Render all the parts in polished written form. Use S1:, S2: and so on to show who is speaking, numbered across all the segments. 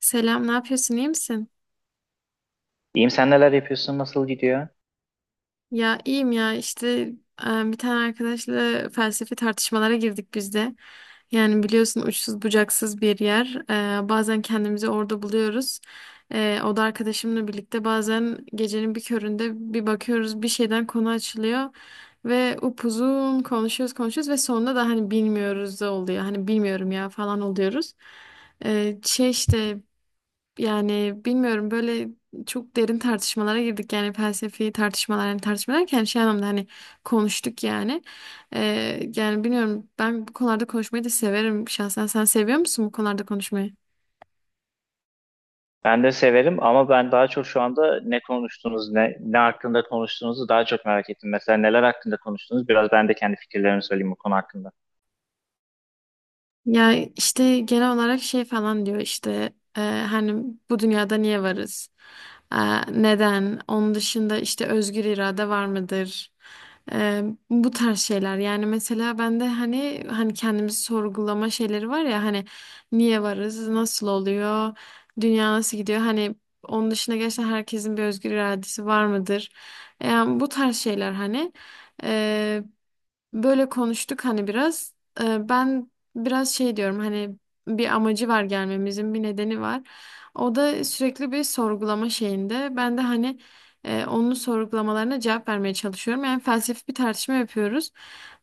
S1: Selam, ne yapıyorsun? İyi misin?
S2: İyiyim sen neler yapıyorsun? Nasıl gidiyor?
S1: Ya iyiyim ya işte, bir tane arkadaşla felsefi tartışmalara girdik biz de. Yani biliyorsun uçsuz bucaksız bir yer. Bazen kendimizi orada buluyoruz. O da arkadaşımla birlikte bazen gecenin bir köründe bir bakıyoruz bir şeyden konu açılıyor. Ve upuzun konuşuyoruz konuşuyoruz ve sonunda da hani bilmiyoruz da oluyor. Hani bilmiyorum ya falan oluyoruz. Şey işte. Yani bilmiyorum, böyle çok derin tartışmalara girdik, yani felsefi tartışmalar, yani tartışma derken şey anlamda hani konuştuk yani. Yani bilmiyorum, ben bu konularda konuşmayı da severim şahsen. Sen seviyor musun bu konularda konuşmayı?
S2: Ben de severim ama ben daha çok şu anda ne konuştunuz, ne hakkında konuştuğunuzu daha çok merak ettim. Mesela neler hakkında konuştunuz? Biraz ben de kendi fikirlerimi söyleyeyim bu konu hakkında.
S1: Ya işte genel olarak şey falan diyor işte, hani bu dünyada niye varız? E, Neden? Onun dışında işte özgür irade var mıdır? E, Bu tarz şeyler. Yani mesela ben de hani kendimizi sorgulama şeyleri var ya hani niye varız? Nasıl oluyor? Dünya nasıl gidiyor? Hani onun dışında gerçekten herkesin bir özgür iradesi var mıdır? Yani bu tarz şeyler hani. E, Böyle konuştuk hani biraz. Ben biraz şey diyorum, hani bir amacı var, gelmemizin bir nedeni var. O da sürekli bir sorgulama şeyinde. Ben de hani onun sorgulamalarına cevap vermeye çalışıyorum. Yani felsefi bir tartışma yapıyoruz.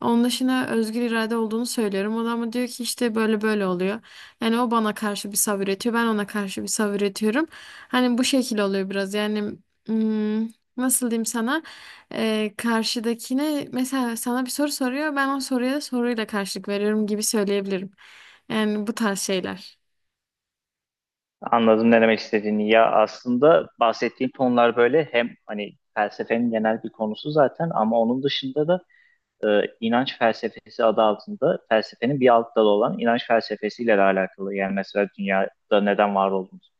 S1: Onun dışında özgür irade olduğunu söylüyorum. O da ama diyor ki işte böyle böyle oluyor. Yani o bana karşı bir sav üretiyor. Ben ona karşı bir sav üretiyorum. Hani bu şekil oluyor biraz. Yani, hmm, nasıl diyeyim sana? Karşıdakine, mesela sana bir soru soruyor, ben o soruya da soruyla karşılık veriyorum gibi söyleyebilirim. Yani bu tarz şeyler.
S2: Anladım ne demek istediğini. Ya aslında bahsettiğin konular böyle hem hani felsefenin genel bir konusu zaten ama onun dışında da e, inanç felsefesi adı altında felsefenin bir alt dalı olan inanç felsefesiyle de alakalı. Yani mesela dünyada neden var olduğumuz,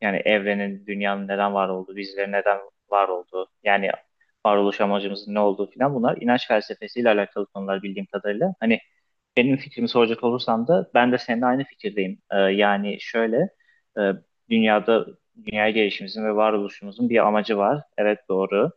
S2: yani evrenin, dünyanın neden var olduğu, bizlerin neden var olduğu, yani varoluş amacımızın ne olduğu filan bunlar inanç felsefesiyle alakalı konular bildiğim kadarıyla. Hani benim fikrimi soracak olursan da ben de seninle aynı fikirdeyim. Yani şöyle e, dünyada dünya gelişimizin ve varoluşumuzun bir amacı var. Evet doğru.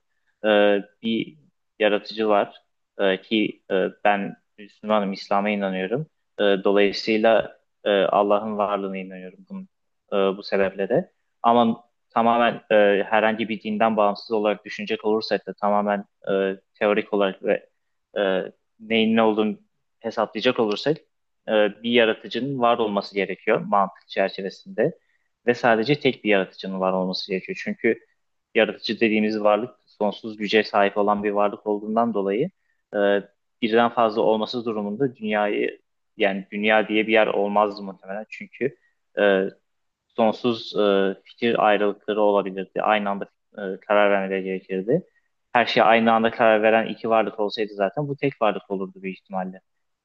S2: Bir yaratıcı var. Ee, ki e, Ben Müslümanım, İslam'a inanıyorum. Dolayısıyla Allah'ın varlığına inanıyorum bunun, bu sebeple de. Ama tamamen herhangi bir dinden bağımsız olarak düşünecek olursak da tamamen teorik olarak ve e, neyin ne olduğunu hesaplayacak olursak bir yaratıcının var olması gerekiyor mantık çerçevesinde ve sadece tek bir yaratıcının var olması gerekiyor. Çünkü yaratıcı dediğimiz varlık sonsuz güce sahip olan bir varlık olduğundan dolayı e, birden fazla olması durumunda dünyayı yani dünya diye bir yer olmaz muhtemelen. Çünkü e, sonsuz fikir ayrılıkları olabilirdi. Aynı anda karar vermeleri gerekirdi. Her şeye aynı anda karar veren iki varlık olsaydı zaten bu tek varlık olurdu büyük ihtimalle.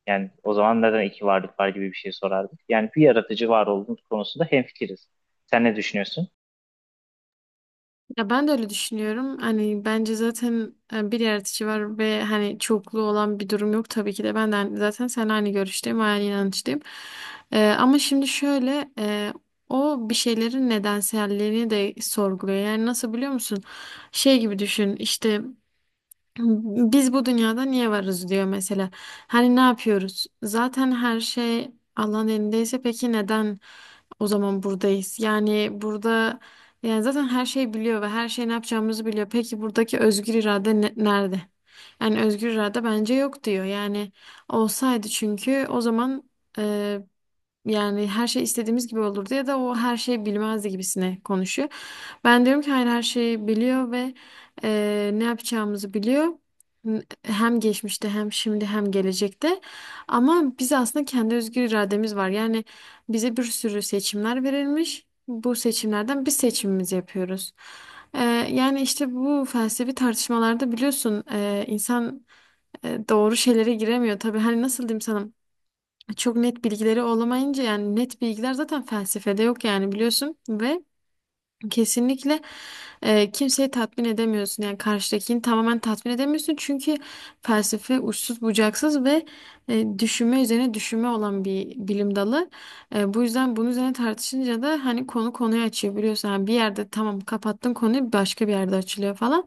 S2: Yani o zaman neden iki varlık var gibi bir şey sorardık. Yani bir yaratıcı var olduğumuz konusunda hemfikiriz. Sen ne düşünüyorsun?
S1: Ya ben de öyle düşünüyorum. Hani bence zaten bir yaratıcı var ve hani çoklu olan bir durum yok tabii ki de. Ben de zaten sen aynı görüşteyim, aynı inançtayım. Ama şimdi şöyle, o bir şeylerin nedenselliğini de sorguluyor. Yani nasıl, biliyor musun? Şey gibi düşün işte. Biz bu dünyada niye varız diyor mesela. Hani ne yapıyoruz? Zaten her şey Allah'ın elindeyse peki neden o zaman buradayız? Yani burada, yani zaten her şey biliyor ve her şey ne yapacağımızı biliyor. Peki buradaki özgür irade nerede? Yani özgür irade bence yok diyor. Yani olsaydı çünkü o zaman yani her şey istediğimiz gibi olurdu ya da o her şeyi bilmezdi gibisine konuşuyor. Ben diyorum ki hayır, her şeyi biliyor ve ne yapacağımızı biliyor. Hem geçmişte hem şimdi hem gelecekte. Ama biz aslında kendi özgür irademiz var. Yani bize bir sürü seçimler verilmiş. Bu seçimlerden biz seçimimizi yapıyoruz. Eee, Yani işte bu felsefi tartışmalarda biliyorsun insan doğru şeylere giremiyor. Tabii hani, nasıl diyeyim sana? Çok net bilgileri olamayınca, yani net bilgiler zaten felsefede yok yani, biliyorsun ve kesinlikle kimseyi tatmin edemiyorsun, yani karşıdakini tamamen tatmin edemiyorsun çünkü felsefe uçsuz bucaksız ve düşünme üzerine düşünme olan bir bilim dalı. Bu yüzden bunun üzerine tartışınca da hani konu konuyu açıyor biliyorsun. Yani bir yerde tamam kapattın konuyu, başka bir yerde açılıyor falan.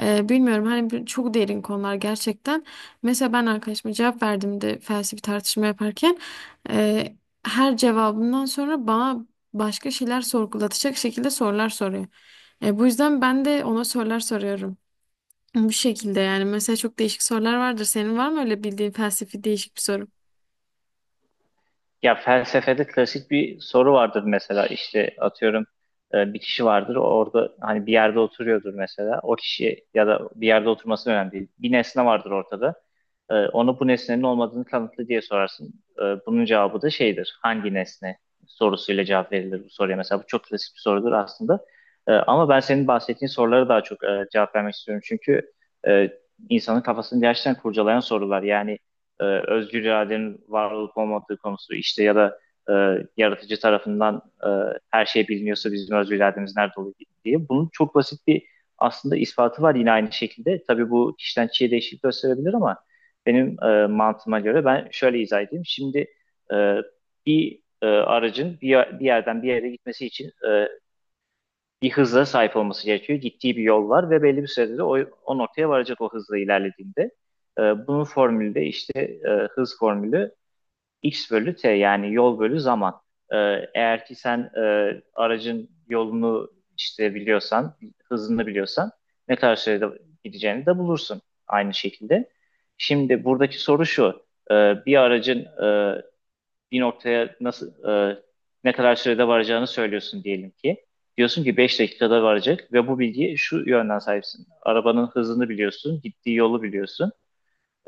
S1: Bilmiyorum hani, çok derin konular gerçekten. Mesela ben arkadaşıma cevap verdiğimde felsefi tartışma yaparken e, her cevabından sonra bana başka şeyler sorgulatacak şekilde sorular soruyor. Bu yüzden ben de ona sorular soruyorum. Bu şekilde, yani mesela çok değişik sorular vardır. Senin var mı öyle bildiğin felsefi değişik bir soru?
S2: Ya felsefede klasik bir soru vardır mesela işte atıyorum, bir kişi vardır orada hani bir yerde oturuyordur mesela, o kişi ya da bir yerde oturması önemli değil. Bir nesne vardır ortada. Ona bu nesnenin olmadığını kanıtla diye sorarsın. Bunun cevabı da şeydir: hangi nesne sorusuyla cevap verilir bu soruya. Mesela bu çok klasik bir sorudur aslında. Ama ben senin bahsettiğin sorulara daha çok cevap vermek istiyorum. Çünkü e, insanın kafasını gerçekten kurcalayan sorular. Yani özgür iradenin var olup olmadığı konusu işte, ya da e, yaratıcı tarafından her şey biliniyorsa bizim özgür irademiz nerede oluyor diye. Bunun çok basit bir aslında ispatı var yine aynı şekilde. Tabii bu kişiden kişiye değişiklik gösterebilir ama benim mantığıma göre ben şöyle izah edeyim. Şimdi e, bir aracın bir yerden bir yere gitmesi için bir hıza sahip olması gerekiyor. Gittiği bir yol var ve belli bir sürede de o noktaya varacak o hızla ilerlediğinde. E, Bunun formülü de işte, hız formülü x bölü t, yani yol bölü zaman. E, Eğer ki sen aracın yolunu işte biliyorsan, hızını biliyorsan ne kadar sürede gideceğini de bulursun aynı şekilde. Şimdi buradaki soru şu: e, bir aracın e, bir noktaya nasıl, e, ne kadar sürede varacağını söylüyorsun diyelim ki. Diyorsun ki 5 dakikada varacak ve bu bilgiye şu yönden sahipsin. Arabanın hızını biliyorsun, gittiği yolu biliyorsun.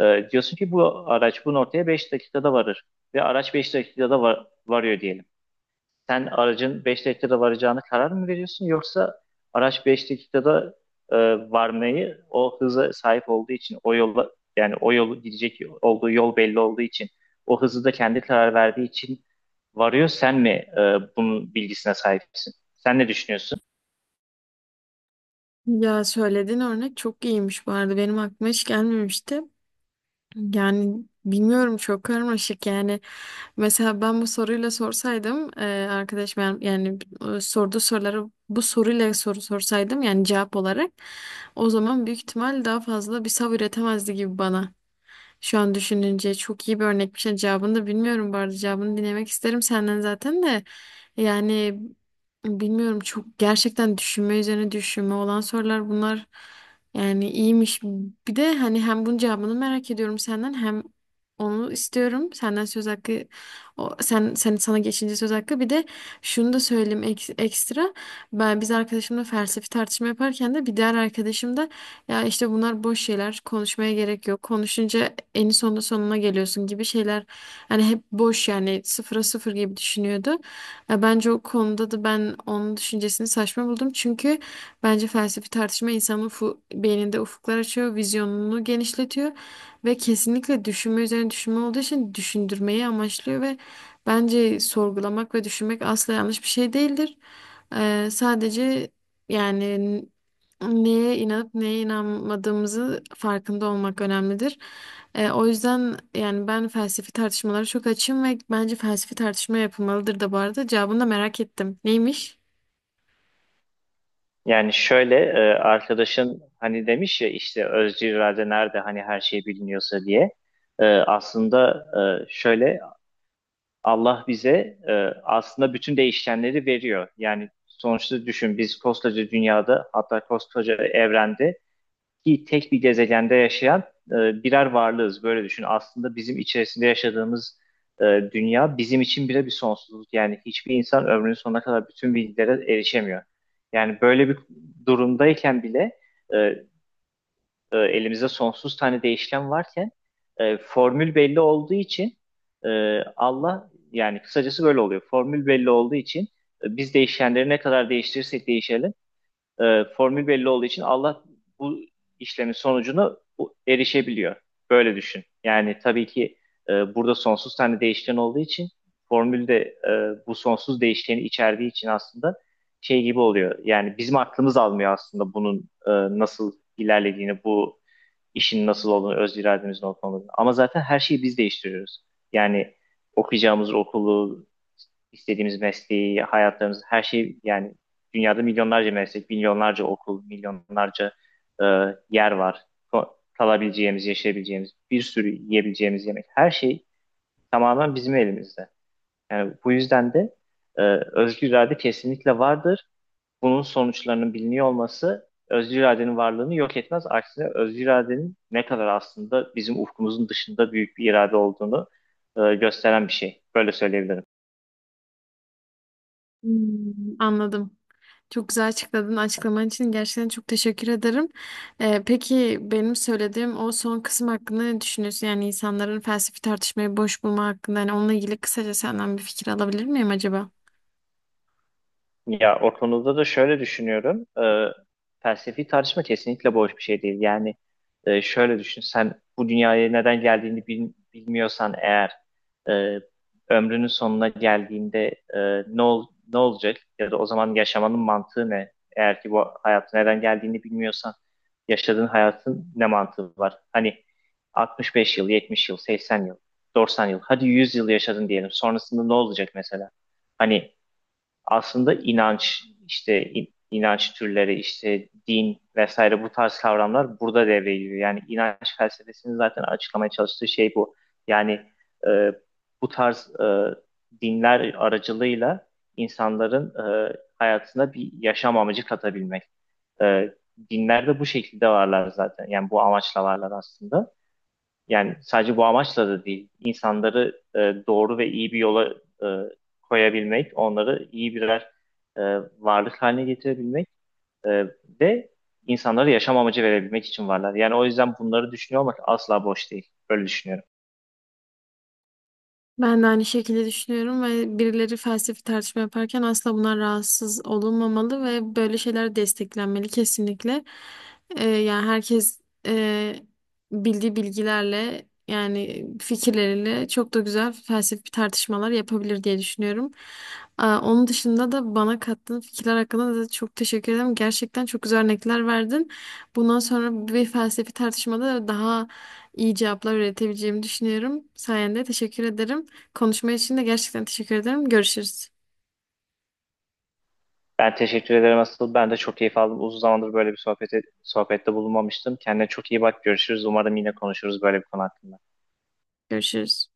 S2: Diyorsun ki bu araç bu noktaya 5 dakikada varır ve araç 5 dakikada varıyor diyelim. Sen aracın 5 dakikada varacağına karar mı veriyorsun, yoksa araç 5 dakikada e, varmayı o hıza sahip olduğu için, o yola, yani o yolu gidecek olduğu yol belli olduğu için, o hızı da kendi karar verdiği için varıyor, sen mi e, bunun bilgisine sahipsin? Sen ne düşünüyorsun?
S1: Ya söylediğin örnek çok iyiymiş bu arada. Benim aklıma hiç gelmemişti. Yani bilmiyorum, çok karmaşık yani. Mesela ben bu soruyla sorsaydım, arkadaşım, yani sorduğu soruları bu soruyla soru sorsaydım yani cevap olarak, o zaman büyük ihtimal daha fazla bir sav üretemezdi gibi bana. Şu an düşününce çok iyi bir örnekmiş. Yani cevabını da bilmiyorum bu arada. Cevabını dinlemek isterim senden zaten de. Yani bilmiyorum, çok gerçekten düşünme üzerine düşünme olan sorular bunlar. Yani iyiymiş. Bir de hani hem bunun cevabını merak ediyorum senden hem onu istiyorum. Senden söz hakkı, sen sana geçince söz hakkı. Bir de şunu da söyleyeyim, ekstra. Biz arkadaşımla felsefi tartışma yaparken de bir diğer arkadaşım da ya işte bunlar boş şeyler, konuşmaya gerek yok, konuşunca en sonunda sonuna geliyorsun gibi şeyler. Hani hep boş, yani sıfıra sıfır gibi düşünüyordu. Ya bence o konuda da ben onun düşüncesini saçma buldum. Çünkü bence felsefi tartışma insanın beyninde ufuklar açıyor, vizyonunu genişletiyor ve kesinlikle düşünme üzerine düşünme olduğu için düşündürmeyi amaçlıyor ve bence sorgulamak ve düşünmek asla yanlış bir şey değildir. Sadece yani neye inanıp neye inanmadığımızı farkında olmak önemlidir. O yüzden yani ben felsefi tartışmalara çok açığım ve bence felsefi tartışma yapılmalıdır da bu arada. Cevabını da merak ettim. Neymiş?
S2: Yani şöyle, arkadaşın hani demiş ya işte özcü irade nerede hani her şey biliniyorsa diye. Aslında şöyle, Allah bize aslında bütün değişkenleri veriyor. Yani sonuçta düşün, biz koskoca dünyada, hatta koskoca evrende ki tek bir gezegende yaşayan e, birer varlığız. Böyle düşün. Aslında bizim içerisinde yaşadığımız e, dünya bizim için bile bir sonsuzluk. Yani hiçbir insan ömrünün sonuna kadar bütün bilgilere erişemiyor. Yani böyle bir durumdayken bile e, elimizde sonsuz tane değişken varken, formül belli olduğu için, Allah, yani kısacası böyle oluyor. Formül belli olduğu için biz değişkenleri ne kadar değiştirirsek değişelim, formül belli olduğu için Allah bu işlemin sonucunu erişebiliyor. Böyle düşün. Yani tabii ki burada sonsuz tane değişken olduğu için, formülde bu sonsuz değişkeni içerdiği için, aslında şey gibi oluyor. Yani bizim aklımız almıyor aslında bunun nasıl ilerlediğini, bu işin nasıl olduğunu, öz irademizin olup olmadığını. Ama zaten her şeyi biz değiştiriyoruz. Yani okuyacağımız okulu, istediğimiz mesleği, hayatlarımız, her şey. Yani dünyada milyonlarca meslek, milyonlarca okul, milyonlarca e, yer var. Ko- Kalabileceğimiz, yaşayabileceğimiz, bir sürü yiyebileceğimiz yemek. Her şey tamamen bizim elimizde. Yani bu yüzden de e, özgür irade kesinlikle vardır, bunun sonuçlarının biliniyor olması özgür iradenin varlığını yok etmez. Aksine özgür iradenin ne kadar aslında bizim ufkumuzun dışında büyük bir irade olduğunu gösteren bir şey. Böyle söyleyebilirim.
S1: Hmm, anladım. Çok güzel açıkladın. Açıklaman için gerçekten çok teşekkür ederim. Peki benim söylediğim o son kısım hakkında ne düşünüyorsun? Yani insanların felsefi tartışmayı boş bulma hakkında. Yani onunla ilgili kısaca senden bir fikir alabilir miyim acaba?
S2: Ya o konuda da şöyle düşünüyorum. Felsefi tartışma kesinlikle boş bir şey değil. Yani şöyle düşün. Sen bu dünyaya neden geldiğini bilmiyorsan eğer, e, ömrünün sonuna geldiğinde e, ne ol- ne olacak? Ya da o zaman yaşamanın mantığı ne? Eğer ki bu hayatı neden geldiğini bilmiyorsan yaşadığın hayatın ne mantığı var? Hani 65 yıl, 70 yıl, 80 yıl, 90 yıl, hadi 100 yıl yaşadın diyelim. Sonrasında ne olacak mesela? Hani aslında inanç, işte inanç türleri, işte din vesaire, bu tarz kavramlar burada devreye giriyor. Yani inanç felsefesinin zaten açıklamaya çalıştığı şey bu. Yani e, bu tarz dinler aracılığıyla insanların hayatına bir yaşam amacı katabilmek. E, Dinler de bu şekilde varlar zaten. Yani bu amaçla varlar aslında. Yani sadece bu amaçla da değil, insanları doğru ve iyi bir yola e, koyabilmek, onları iyi birer e, varlık haline getirebilmek e, ve insanlara yaşam amacı verebilmek için varlar. Yani o yüzden bunları düşünüyor olmak asla boş değil. Böyle düşünüyorum.
S1: Ben de aynı şekilde düşünüyorum ve birileri felsefi tartışma yaparken asla bunlar rahatsız olunmamalı ve böyle şeyler desteklenmeli kesinlikle. Yani herkes e, bildiği bilgilerle yani fikirleriyle çok da güzel felsefi tartışmalar yapabilir diye düşünüyorum. Aa, onun dışında da bana kattığın fikirler hakkında da çok teşekkür ederim. Gerçekten çok güzel örnekler verdin. Bundan sonra bir felsefi tartışmada daha iyi cevaplar üretebileceğimi düşünüyorum. Sayende, teşekkür ederim. Konuşma için de gerçekten teşekkür ederim. Görüşürüz.
S2: Ben teşekkür ederim asıl. Ben de çok keyif aldım. Uzun zamandır böyle bir sohbette bulunmamıştım. Kendine çok iyi bak. Görüşürüz. Umarım yine konuşuruz böyle bir konu hakkında.
S1: Görüşürüz.